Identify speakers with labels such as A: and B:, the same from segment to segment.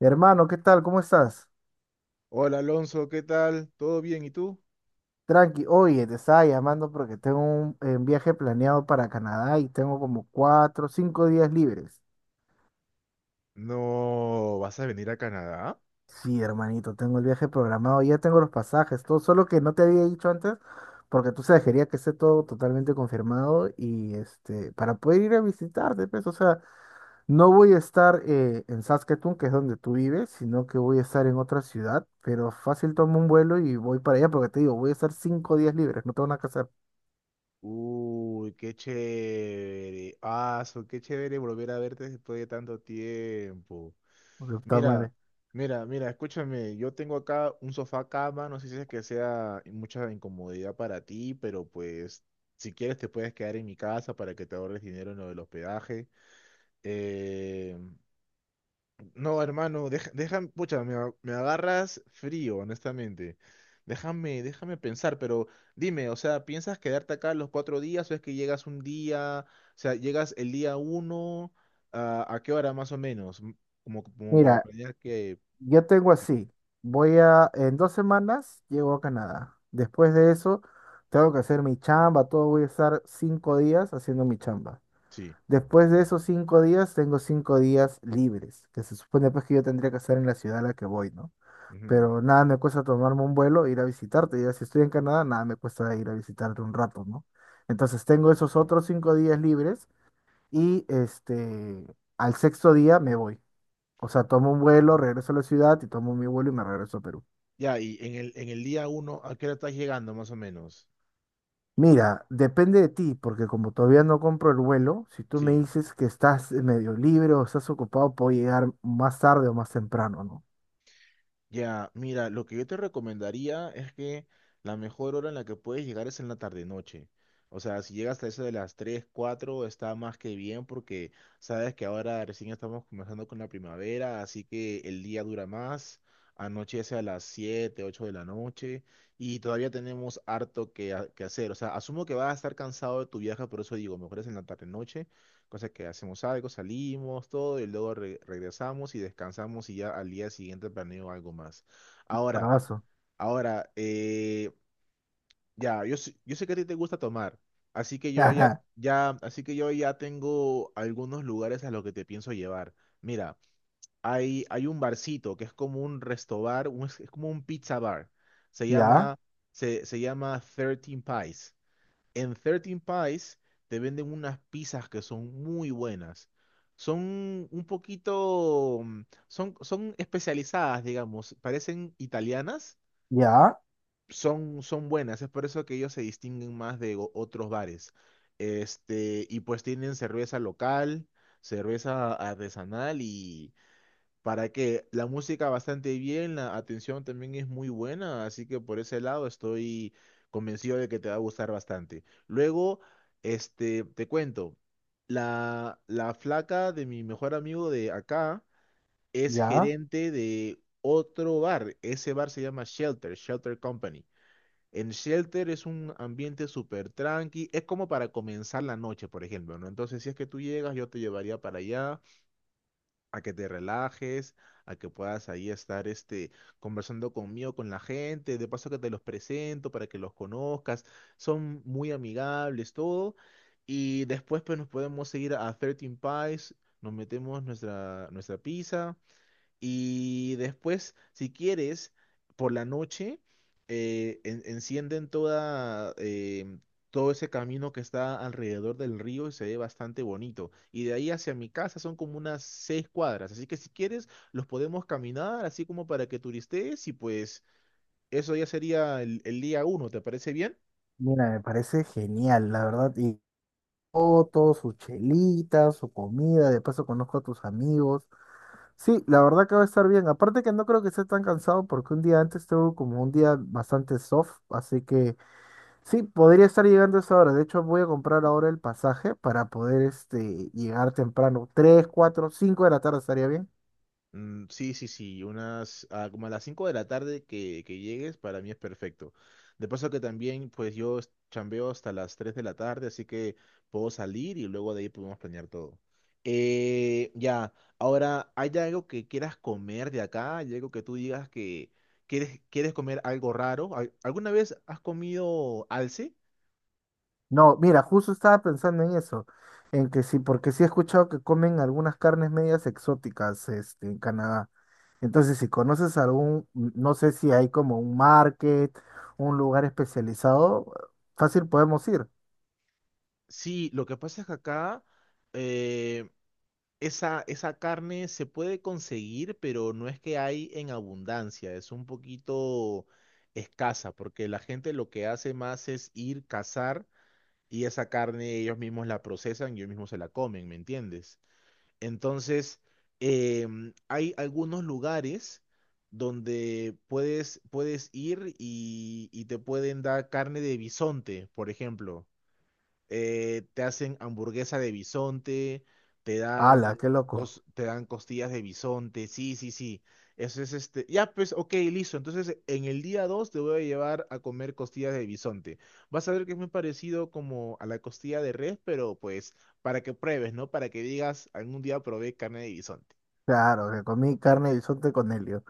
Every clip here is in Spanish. A: Hermano, ¿qué tal? ¿Cómo estás?
B: Hola Alonso, ¿qué tal? ¿Todo bien? ¿Y tú?
A: Tranqui, oye, te estaba llamando porque tengo un viaje planeado para Canadá y tengo como cuatro, cinco días libres.
B: No, ¿vas a venir a Canadá?
A: Sí, hermanito, tengo el viaje programado, ya tengo los pasajes, todo, solo que no te había dicho antes, porque tú sabes, quería que esté todo totalmente confirmado y este, para poder ir a visitarte, pues, o sea, no voy a estar en Saskatoon, que es donde tú vives, sino que voy a estar en otra ciudad, pero fácil tomo un vuelo y voy para allá, porque te digo, voy a estar cinco días libres, no tengo nada que hacer.
B: Uy, qué chévere. Ah, so, qué chévere volver a verte después de tanto tiempo.
A: Porque puta
B: Mira,
A: madre.
B: mira, mira, escúchame, yo tengo acá un sofá cama, no sé si es que sea mucha incomodidad para ti, pero pues si quieres te puedes quedar en mi casa para que te ahorres dinero en lo del hospedaje. Eh, No, hermano, pucha, me agarras frío, honestamente. Déjame pensar, pero dime, o sea, ¿piensas quedarte acá los 4 días o es que llegas un día, o sea, llegas el día uno, ah, ¿a qué hora más o menos? Como para
A: Mira,
B: planear que...
A: yo tengo así. En dos semanas llego a Canadá. Después de eso, tengo que hacer mi chamba, todo. Voy a estar cinco días haciendo mi chamba.
B: Sí.
A: Después de esos cinco días, tengo cinco días libres, que se supone pues que yo tendría que estar en la ciudad a la que voy, ¿no?
B: Ujú.
A: Pero nada me cuesta tomarme un vuelo, e ir a visitarte. Ya si estoy en Canadá, nada me cuesta ir a visitarte un rato, ¿no? Entonces tengo esos otros cinco días libres y este, al sexto día me voy. O sea, tomo un vuelo, regreso a la ciudad y tomo mi vuelo y me regreso a Perú.
B: Ya, y en el día uno, ¿a qué hora estás llegando más o menos?
A: Mira, depende de ti, porque como todavía no compro el vuelo, si tú me
B: Sí.
A: dices que estás medio libre o estás ocupado, puedo llegar más tarde o más temprano, ¿no?
B: Ya, mira, lo que yo te recomendaría es que la mejor hora en la que puedes llegar es en la tarde-noche. O sea, si llegas hasta eso de las 3, 4 está más que bien porque sabes que ahora recién estamos comenzando con la primavera, así que el día dura más, anochece a las 7, 8 de la noche y todavía tenemos harto que hacer. O sea, asumo que vas a estar cansado de tu viaje, por eso digo, mejor es en la tarde-noche. Cosa que hacemos algo, salimos, todo, y luego regresamos y descansamos y ya al día siguiente planeo algo más. Ahora,
A: Bravazo.
B: ahora, ya, yo sé que a ti te gusta tomar, así que yo ya, ya, así que yo ya tengo algunos lugares a los que te pienso llevar. Mira, hay un barcito que es como un restobar, es como un pizza bar. Se
A: Ya,
B: llama, se llama 13 Pies. En 13 Pies te venden unas pizzas que son muy buenas. Son un poquito, son especializadas, digamos, parecen italianas,
A: ya,
B: son buenas, es por eso que ellos se distinguen más de otros bares. Este, y pues tienen cerveza local, cerveza artesanal y, para que la música bastante bien, la atención también es muy buena, así que por ese lado estoy convencido de que te va a gustar bastante. Luego, este, te cuento, la flaca de mi mejor amigo de acá es
A: ya.
B: gerente de otro bar, ese bar se llama Shelter Company. En Shelter es un ambiente súper tranqui, es como para comenzar la noche, por ejemplo, ¿no? Entonces, si es que tú llegas, yo te llevaría para allá a que te relajes, a que puedas ahí estar este, conversando conmigo, con la gente, de paso que te los presento para que los conozcas, son muy amigables, todo, y después pues nos podemos seguir a 13 Pies, nos metemos nuestra pizza, y después, si quieres, por la noche, encienden todo ese camino que está alrededor del río y se ve bastante bonito. Y de ahí hacia mi casa son como unas 6 cuadras. Así que si quieres, los podemos caminar, así como para que turistees y pues eso ya sería el día uno. ¿Te parece bien?
A: Mira, me parece genial, la verdad. Y fotos, su chelita, su comida, de paso conozco a tus amigos. Sí, la verdad que va a estar bien. Aparte que no creo que esté tan cansado porque un día antes tuve como un día bastante soft, así que sí, podría estar llegando a esa hora. De hecho, voy a comprar ahora el pasaje para poder este, llegar temprano. 3, 4, 5 de la tarde estaría bien.
B: Mm, sí, sí, sí, como a las 5 de la tarde que llegues, para mí es perfecto. De paso que también, pues yo chambeo hasta las 3 de la tarde, así que puedo salir y luego de ahí podemos planear todo. Ya, ahora, ¿hay algo que quieras comer de acá? ¿Hay algo que tú digas que quieres comer algo raro? ¿Alguna vez has comido alce?
A: No, mira, justo estaba pensando en eso. En que sí, porque sí he escuchado que comen algunas carnes medias exóticas este, en Canadá. Entonces, si conoces algún, mm, no sé si hay como un market, un lugar especializado, fácil podemos ir.
B: Sí, lo que pasa es que acá, eh, esa carne se puede conseguir, pero no es que hay en abundancia, es un poquito escasa, porque la gente lo que hace más es ir cazar y esa carne ellos mismos la procesan y ellos mismos se la comen, ¿me entiendes? Entonces, hay algunos lugares donde puedes ir y te pueden dar carne de bisonte, por ejemplo. Te hacen hamburguesa de bisonte, te dan,
A: ¡Hala, qué loco!
B: te dan costillas de bisonte, sí, sí, sí. Eso es este. Ya, pues, ok, listo. Entonces, en el día 2 te voy a llevar a comer costillas de bisonte. Vas a ver que es muy parecido como a la costilla de res, pero pues para que pruebes, ¿no? Para que digas, algún día probé carne de bisonte.
A: Claro, que comí carne de bisonte con helio.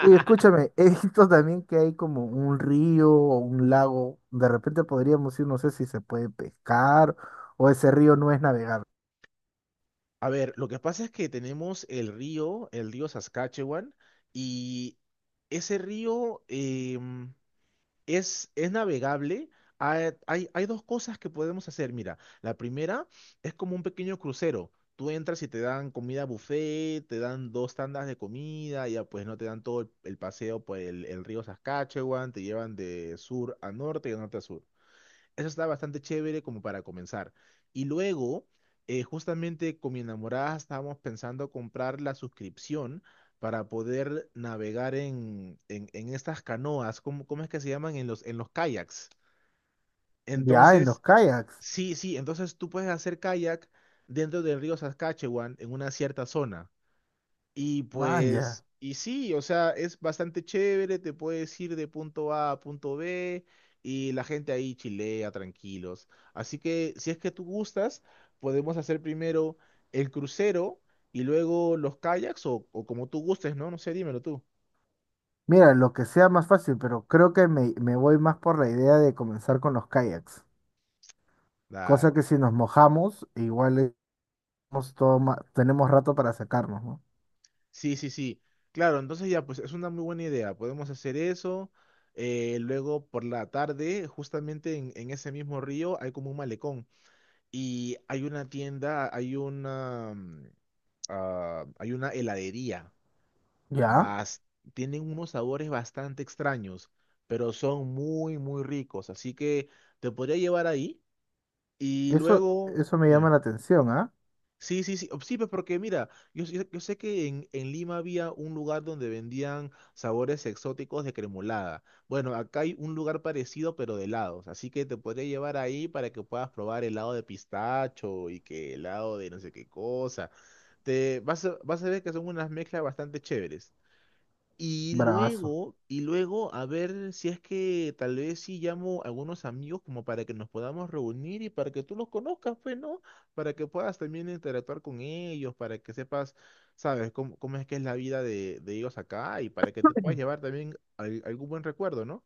A: Oye, escúchame, he visto también que hay como un río o un lago. De repente podríamos ir, no sé si se puede pescar o ese río no es navegable.
B: A ver, lo que pasa es que tenemos el río Saskatchewan, y ese río, es navegable. Hay dos cosas que podemos hacer. Mira, la primera es como un pequeño crucero. Tú entras y te dan comida buffet, te dan dos tandas de comida, ya pues no te dan todo el paseo por el río Saskatchewan, te llevan de sur a norte y de norte a sur. Eso está bastante chévere como para comenzar. Y luego, justamente con mi enamorada estábamos pensando comprar la suscripción para poder navegar en estas canoas, ¿cómo es que se llaman? En los kayaks.
A: Ya, en los
B: Entonces,
A: kayaks.
B: sí, sí, entonces tú puedes hacer kayak dentro del río Saskatchewan en una cierta zona. Y
A: Man, ya.
B: pues, y sí, o sea, es bastante chévere, te puedes ir de punto A a punto B y la gente ahí chilea tranquilos. Así que si es que tú gustas, podemos hacer primero el crucero y luego los kayaks o como tú gustes, ¿no? No sé, dímelo tú.
A: Mira, lo que sea más fácil, pero creo que me voy más por la idea de comenzar con los kayaks. Cosa que
B: Dale.
A: si nos mojamos, igual estamos todo ma- tenemos rato para sacarnos, ¿no?
B: Sí, sí, sí. Claro, entonces ya, pues es una muy buena idea. Podemos hacer eso. Luego por la tarde, justamente en ese mismo río, hay como un malecón. Y hay una tienda, hay una heladería.
A: Ya.
B: bas- Tienen unos sabores bastante extraños, pero son muy, muy ricos. Así que te podría llevar ahí y
A: Eso,
B: luego...
A: eso me llama
B: dime.
A: la atención, ¿ah?
B: Sí, sí, sí, sí, pues porque mira, yo sé que en Lima había un lugar donde vendían sabores exóticos de cremolada. Bueno, acá hay un lugar parecido pero de helados, así que te podría llevar ahí para que puedas probar helado de pistacho y que helado de no sé qué cosa. Vas a ver que son unas mezclas bastante chéveres. Y
A: Bravazo.
B: luego, y luego, a ver si es que tal vez sí llamo a algunos amigos como para que nos podamos reunir y para que tú los conozcas, pues, ¿no? Para que puedas también interactuar con ellos, para que sepas, sabes, cómo es que es la vida de ellos acá y para que te puedas llevar también algún buen recuerdo, ¿no?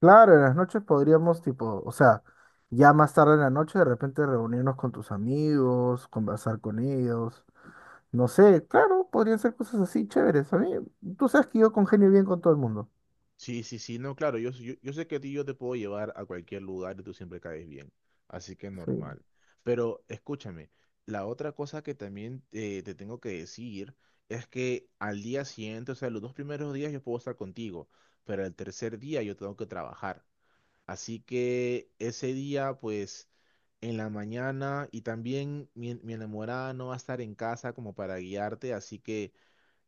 A: Claro, en las noches podríamos, tipo, o sea, ya más tarde en la noche de repente reunirnos con tus amigos, conversar con ellos. No sé, claro, podrían ser cosas así chéveres. A mí, tú sabes que yo congenio bien con todo el mundo.
B: Sí, sí, sí, no, claro, yo sé que a ti yo te puedo llevar a cualquier lugar y tú siempre caes bien, así que
A: Sí.
B: normal. Pero escúchame, la otra cosa que también te tengo que decir es que al día siguiente, o sea, los dos primeros días yo puedo estar contigo, pero el tercer día yo tengo que trabajar. Así que ese día, pues, en la mañana y también mi enamorada no va a estar en casa como para guiarte, así que...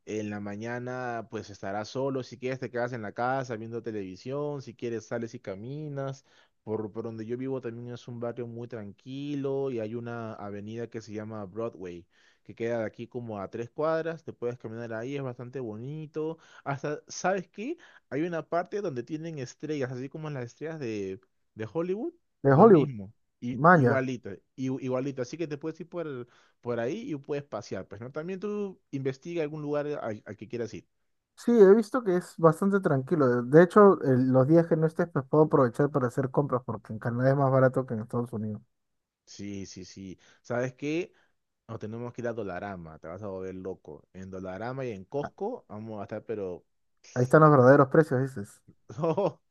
B: En la mañana, pues estarás solo. Si quieres, te quedas en la casa viendo televisión. Si quieres, sales y caminas. Por donde yo vivo también es un barrio muy tranquilo y hay una avenida que se llama Broadway, que queda de aquí como a 3 cuadras. Te puedes caminar ahí, es bastante bonito. Hasta, ¿sabes qué? Hay una parte donde tienen estrellas, así como las estrellas de Hollywood.
A: De
B: Lo
A: Hollywood,
B: mismo, y
A: maña.
B: igualito, igualito. Así que te puedes ir por ahí y puedes pasear, pues, ¿no? También tú investiga algún lugar al que quieras ir.
A: Sí, he visto que es bastante tranquilo. De hecho, el- los días que no estés, pues puedo aprovechar para hacer compras, porque en Canadá es más barato que en Estados Unidos.
B: Sí, sí, sí. ¿Sabes qué? Nos tenemos que ir a Dolarama, te vas a volver loco. En Dolarama y en Costco vamos a estar, pero...
A: Ahí están los verdaderos precios, dices.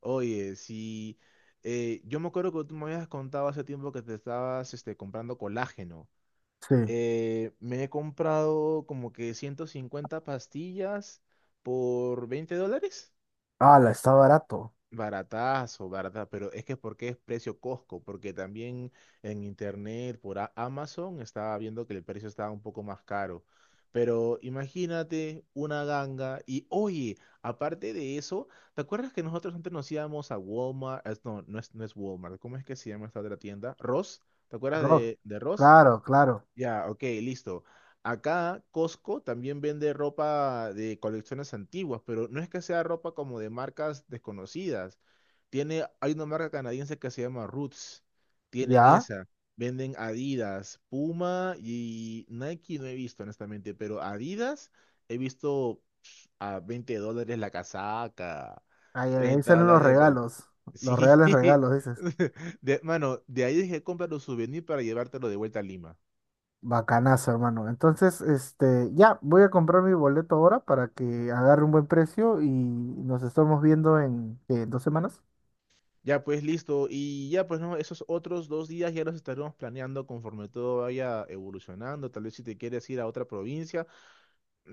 B: oye, sí. Yo me acuerdo que tú me habías contado hace tiempo que te estabas comprando colágeno.
A: Sí.
B: Me he comprado como que 150 pastillas por $20.
A: Ah, la está barato.
B: Baratazo, barata, pero es que porque es precio Costco, porque también en internet por Amazon estaba viendo que el precio estaba un poco más caro. Pero imagínate una ganga y oye, aparte de eso, ¿te acuerdas que nosotros antes nos íbamos a Walmart? No, no es Walmart, ¿cómo es que se llama esta otra tienda? Ross, ¿te acuerdas
A: Rock.
B: de Ross?
A: Claro, claro.
B: Ya, ok, listo. Acá Costco también vende ropa de colecciones antiguas, pero no es que sea ropa como de marcas desconocidas. Hay una marca canadiense que se llama Roots. Tienen
A: ¿Ya?
B: esa. Venden Adidas, Puma y Nike no he visto, honestamente, pero Adidas he visto a $20 la casaca,
A: Ahí, ahí
B: 30
A: salen los
B: dólares el...
A: regalos, los
B: Sí.
A: reales regalos, dices.
B: Mano, de ahí dije, comprar un souvenir para llevártelo de vuelta a Lima.
A: Bacanazo, hermano. Entonces, este, ya, voy a comprar mi boleto ahora para que agarre un buen precio y nos estamos viendo en, ¿qué? Dos semanas.
B: Ya pues listo, y ya pues no, esos otros dos días ya los estaremos planeando conforme todo vaya evolucionando, tal vez si te quieres ir a otra provincia,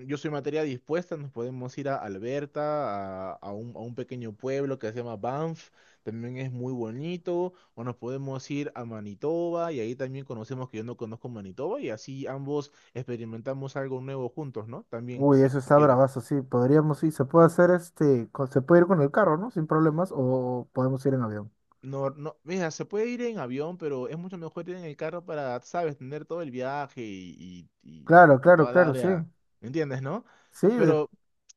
B: yo soy materia dispuesta, nos podemos ir a Alberta, a un pequeño pueblo que se llama Banff, también es muy bonito, o nos podemos ir a Manitoba y ahí también conocemos que yo no conozco Manitoba y así ambos experimentamos algo nuevo juntos, ¿no? También,
A: Uy,
B: si,
A: eso
B: si
A: está
B: quieres.
A: bravazo, sí. Podríamos, sí, se puede hacer este, con- se puede ir con el carro, ¿no? Sin problemas, o podemos ir en avión.
B: No, no, mira, se puede ir en avión, pero es mucho mejor ir en el carro para, sabes, tener todo el viaje y, y, y-
A: Claro,
B: y
A: claro,
B: toda la
A: claro, sí.
B: área. ¿Me entiendes, no?
A: Sí, de-
B: Pero,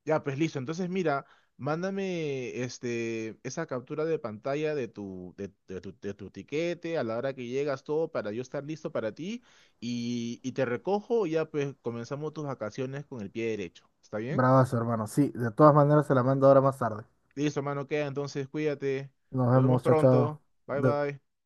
B: ya, pues listo. Entonces, mira, mándame este, esa captura de pantalla de tu tiquete a la hora que llegas, todo para yo estar listo para ti y te recojo y ya, pues comenzamos tus vacaciones con el pie derecho. ¿Está bien?
A: bravazo, hermano. Sí, de todas maneras se la mando ahora más tarde.
B: Listo, mano, queda. Entonces, cuídate.
A: Nos
B: Nos vemos
A: vemos, chao,
B: pronto. Bye,
A: chao.
B: bye.